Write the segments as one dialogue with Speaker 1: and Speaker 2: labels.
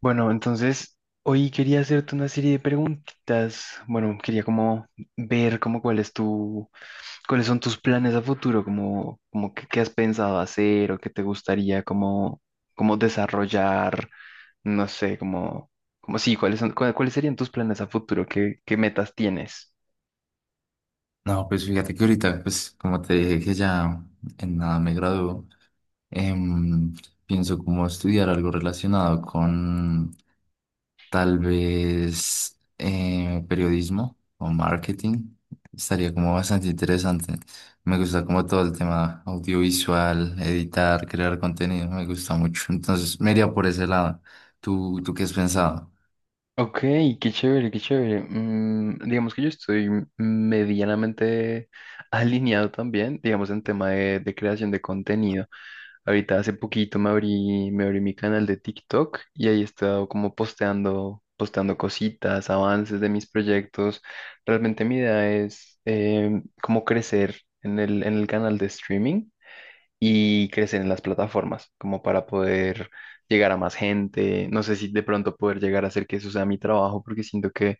Speaker 1: Bueno, entonces hoy quería hacerte una serie de preguntitas. Bueno, quería como ver como cuál es cuáles son tus planes a futuro, como, qué has pensado hacer o qué te gustaría como, como desarrollar, no sé, como, como sí, cuáles serían tus planes a futuro, qué metas tienes.
Speaker 2: No, pues fíjate que ahorita, pues como te dije que ya en nada me gradúo, em, pienso como estudiar algo relacionado con tal vez periodismo o marketing. Estaría como bastante interesante. Me gusta como todo el tema audiovisual, editar, crear contenido, me gusta mucho. Entonces me iría por ese lado. ¿Tú qué has pensado?
Speaker 1: Ok, qué chévere, qué chévere. Mm, digamos que yo estoy medianamente alineado también, digamos, en tema de creación de contenido. Ahorita hace poquito me abrí mi canal de TikTok y ahí he estado como posteando, posteando cositas, avances de mis proyectos. Realmente mi idea es como crecer en el canal de streaming y crecer en las plataformas, como para poder llegar a más gente. No sé si de pronto poder llegar a hacer que eso sea mi trabajo, porque siento que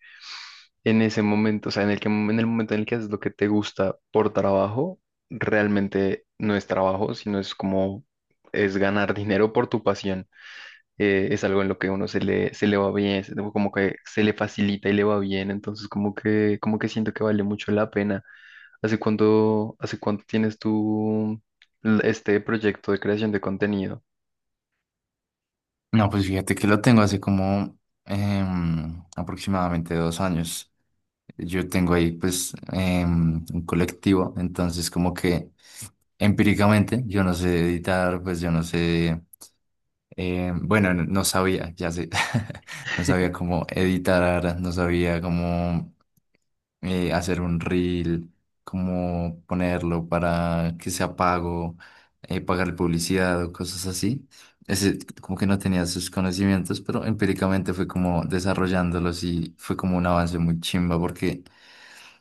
Speaker 1: en ese momento, o sea, en el momento en el que haces lo que te gusta por trabajo, realmente no es trabajo, sino es como es ganar dinero por tu pasión. Es algo en lo que uno se le va bien, como que se le facilita y le va bien, entonces como que siento que vale mucho la pena. ¿Hace cuánto tienes tú este proyecto de creación de contenido?
Speaker 2: No, pues fíjate que lo tengo hace como aproximadamente 2 años. Yo tengo ahí pues un colectivo, entonces como que empíricamente yo no sé editar, pues yo no sé, bueno, no sabía, ya sé, no sabía cómo editar, no sabía cómo hacer un reel, cómo ponerlo para que sea pago, pagar publicidad o cosas así ese, como que no tenía sus conocimientos, pero empíricamente fue como desarrollándolos y fue como un avance muy chimba porque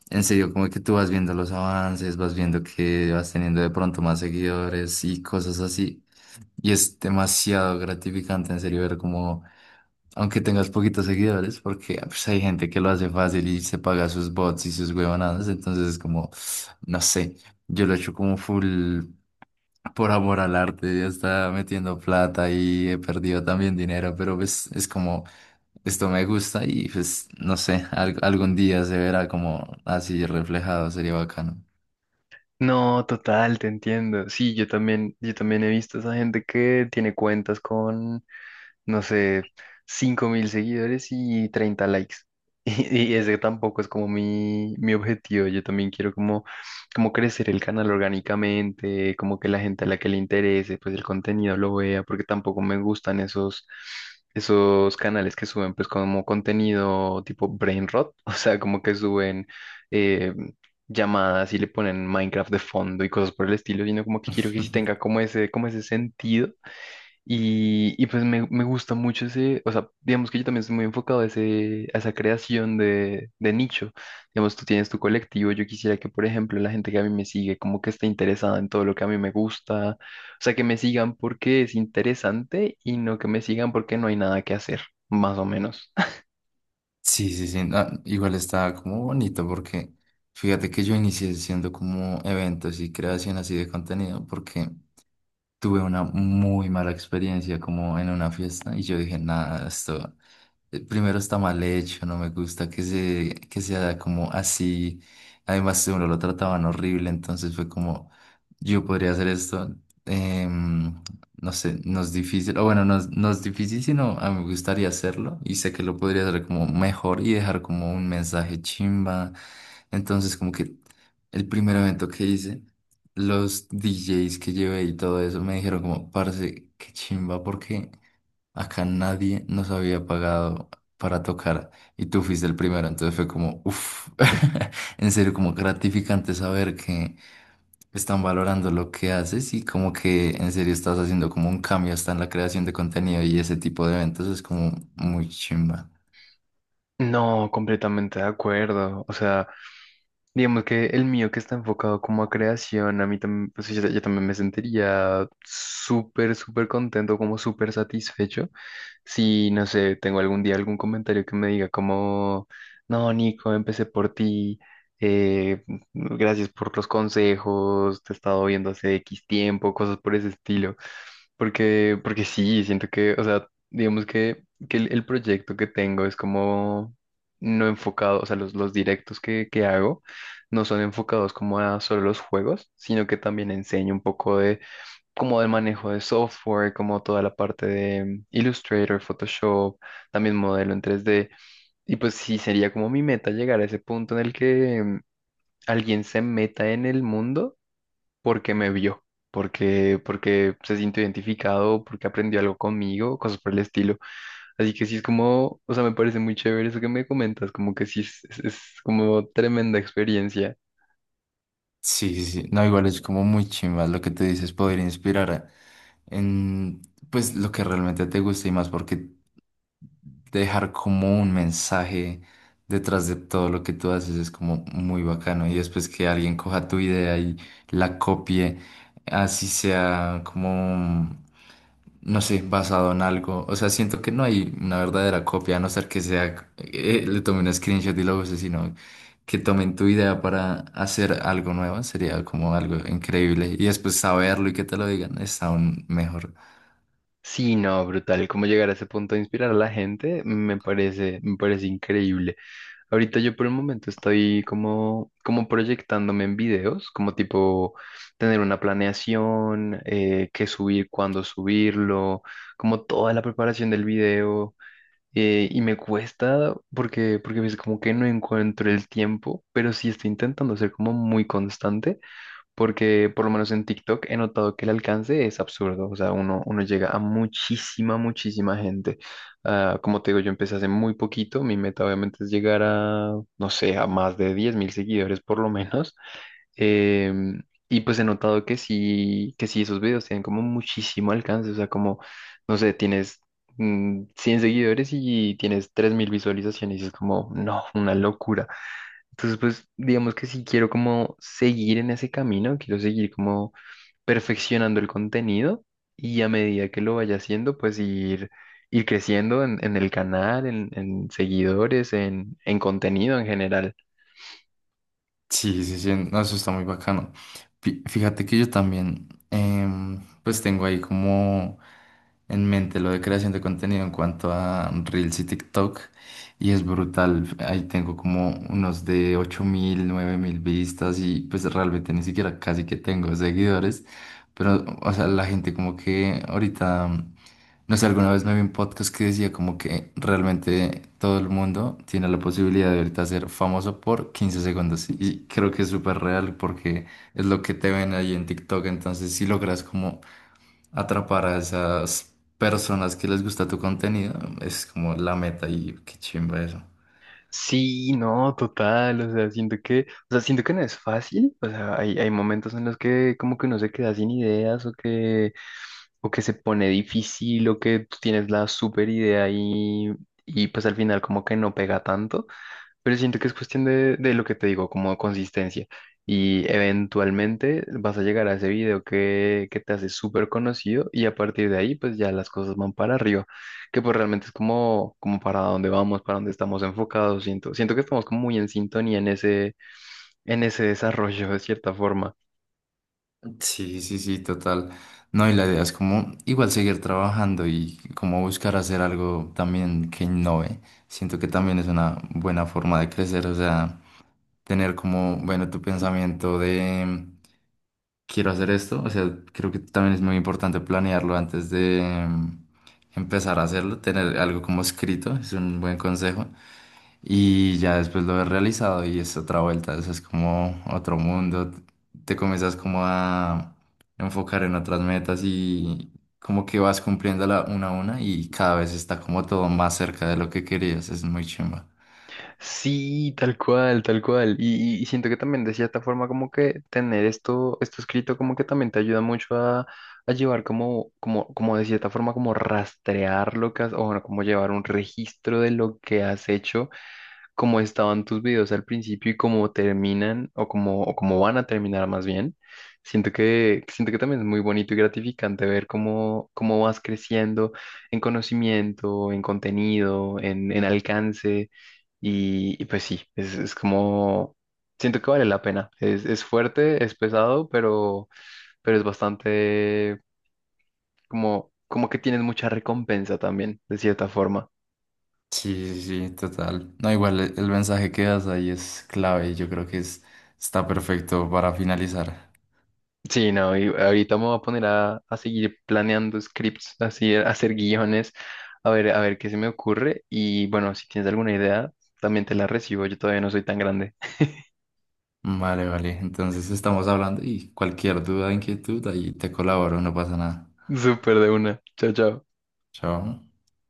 Speaker 2: en serio, como que tú vas viendo los avances, vas viendo que vas teniendo de pronto más seguidores y cosas así. Y es demasiado gratificante en serio ver como, aunque tengas poquitos seguidores, porque pues, hay gente que lo hace fácil y se paga sus bots y sus huevonadas, entonces es como, no sé. Yo lo he hecho como full por amor al arte, ya está metiendo plata y he perdido también dinero, pero pues es como, esto me gusta y pues no sé, algún día se verá como así reflejado, sería bacano.
Speaker 1: No, total, te entiendo. Sí, yo también he visto esa gente que tiene cuentas no sé, 5.000 seguidores y 30 likes. Y ese tampoco es como mi objetivo. Yo también quiero como, como crecer el canal orgánicamente, como que la gente a la que le interese, pues el contenido lo vea, porque tampoco me gustan esos, esos canales que suben pues como contenido tipo brain rot, o sea, como que suben eh, llamadas y le ponen Minecraft de fondo y cosas por el estilo, sino como que quiero que sí tenga como ese sentido y pues me gusta mucho ese, o sea, digamos que yo también estoy muy enfocado a, ese, a esa creación de nicho. Digamos, tú tienes tu colectivo, yo quisiera que, por ejemplo, la gente que a mí me sigue, como que esté interesada en todo lo que a mí me gusta, o sea, que me sigan porque es interesante y no que me sigan porque no hay nada que hacer, más o menos.
Speaker 2: Sí, sí, sí, no, igual está como bonito porque fíjate que yo inicié haciendo como eventos y creación así de contenido porque tuve una muy mala experiencia como en una fiesta y yo dije, nada, esto, primero está mal hecho, no me gusta que sea como así. Además, si uno lo trataban horrible, entonces fue como, yo podría hacer esto. em, no sé, no es difícil, o bueno, no es difícil, sino a mí me gustaría hacerlo y sé que lo podría hacer como mejor y dejar como un mensaje chimba. Entonces, como que el primer evento que hice, los DJs que llevé y todo eso me dijeron como, parce, qué chimba, porque acá nadie nos había pagado para tocar y tú fuiste el primero, entonces fue como, uff, en serio, como gratificante saber que están valorando lo que haces y como que en serio estás haciendo como un cambio hasta en la creación de contenido y ese tipo de eventos es como muy chimba.
Speaker 1: No, completamente de acuerdo. O sea, digamos que el mío que está enfocado como a creación, a mí también, pues yo también me sentiría súper, súper contento, como súper satisfecho. Si, no sé, tengo algún día algún comentario que me diga como, no, Nico, empecé por ti, eh, gracias por los consejos, te he estado viendo hace X tiempo, cosas por ese estilo. Porque, porque sí, siento que, o sea, digamos que el proyecto que tengo es como no enfocado, o sea, los directos que hago no son enfocados como a solo los juegos, sino que también enseña un poco de como del manejo de software, como toda la parte de Illustrator, Photoshop, también modelo en tres d. Y pues sí, sería como mi meta llegar a ese punto en el que mm, alguien se meta en el mundo porque me vio. Porque, porque se sintió identificado, porque aprendió algo conmigo, cosas por el estilo. Así que sí es como, o sea, me parece muy chévere eso que me comentas, como que sí es como tremenda experiencia.
Speaker 2: Sí, sí, sí. No, igual es como muy chimba lo que te dices, poder inspirar a- en pues lo que realmente te gusta y más porque dejar como un mensaje detrás de todo lo que tú haces es como muy bacano. Y después que alguien coja tu idea y la copie, así sea como, no sé, basado en algo. O sea, siento que no hay una verdadera copia, a no ser que sea, le tomen un screenshot y lo use, sino que tomen tu idea para hacer algo nuevo. Sería como algo increíble. Y después saberlo y que te lo digan, es aún mejor.
Speaker 1: Sí, no, brutal. Cómo llegar a ese punto de inspirar a la gente me parece increíble. Ahorita yo por el momento estoy como, como proyectándome en videos, como tipo tener una planeación, qué subir, cuándo subirlo, como toda la preparación del video. Y me cuesta porque, porque a veces como que no encuentro el tiempo, pero sí estoy intentando ser como muy constante porque por lo menos en TikTok he notado que el alcance es absurdo, o sea, uno llega a muchísima, muchísima gente. Ah, como te digo, yo empecé hace muy poquito, mi meta obviamente es llegar a, no sé, a más de 10.000 seguidores por lo menos. Em, y pues he notado que sí, esos videos tienen como muchísimo alcance, o sea, como, no sé, tienes mm, 100 seguidores y tienes 3.000 visualizaciones y es como, no, una locura. Entonces, pues digamos que si quiero como seguir en ese camino, quiero seguir como perfeccionando el contenido y a medida que lo vaya haciendo, pues ir creciendo en el canal, en seguidores, en contenido en general.
Speaker 2: Sí, sí, sí, no, eso está muy bacano. Fíjate que yo también, pues tengo ahí como en mente lo de creación de contenido en cuanto a Reels y TikTok, y es brutal. Ahí tengo como unos de 8.000, 9.000 vistas, y pues realmente ni siquiera casi que tengo seguidores, pero, o sea, la gente como que ahorita. No sé, alguna vez me vi un podcast que decía como que realmente todo el mundo tiene la posibilidad de ahorita ser famoso por 15 segundos. Y creo que es súper real porque es lo que te ven ahí en TikTok. Entonces, si logras como atrapar a esas personas que les gusta tu contenido, es como la meta y qué chimba eso.
Speaker 1: Sí, no, total, o sea, siento que, o sea, siento que no es fácil, o sea, hay momentos en los que como que uno se queda sin ideas o que se pone difícil o que tú tienes la super idea y pues al final como que no pega tanto. Pero siento que es cuestión de lo que te digo, como consistencia. Y eventualmente vas a llegar a ese video que te hace súper conocido y a partir de ahí pues ya las cosas van para arriba, que pues realmente es como, como para dónde vamos, para dónde estamos enfocados. Siento, siento que estamos como muy en sintonía en ese desarrollo de cierta forma.
Speaker 2: Sí, sí, sí, total. No, y la idea es como igual seguir trabajando y como buscar hacer algo también que innove. Siento que también es una buena forma de crecer, o sea, tener como, bueno, tu pensamiento de quiero hacer esto. O sea, creo que también es muy importante planearlo antes de empezar a hacerlo, tener algo como escrito, es un buen consejo. Y ya después lo ves realizado y es otra vuelta, eso es como otro mundo. Te comienzas como a enfocar en otras metas y como que vas cumpliéndola una a una y cada vez está como todo más cerca de lo que querías, es muy chimba.
Speaker 1: Sí, tal cual, tal cual. Y siento que también de cierta forma como que tener esto, esto escrito como que también te ayuda mucho a llevar como, como, como de cierta forma como rastrear lo que has, o bueno, como llevar un registro de lo que has hecho, cómo estaban tus videos al principio y cómo terminan o cómo van a terminar más bien. Siento que también es muy bonito y gratificante ver cómo, cómo vas creciendo en conocimiento, en contenido, en alcance. Y pues sí, es como, siento que vale la pena. Es fuerte, es pesado, pero es bastante como, como que tienes mucha recompensa también, de cierta forma.
Speaker 2: Sí, sí, sí, total. No, igual el mensaje que das ahí es clave y yo creo que es, está perfecto para finalizar.
Speaker 1: Sí, no, y ahorita me voy a poner a seguir planeando scripts, así, a hacer guiones, a ver qué se me ocurre. Y bueno, si tienes alguna idea, también te la recibo, yo todavía no soy tan grande.
Speaker 2: Vale, vale. Entonces estamos hablando y cualquier duda, inquietud, ahí te colaboro, no pasa nada.
Speaker 1: Súper de una. Chao, chao.
Speaker 2: Chao.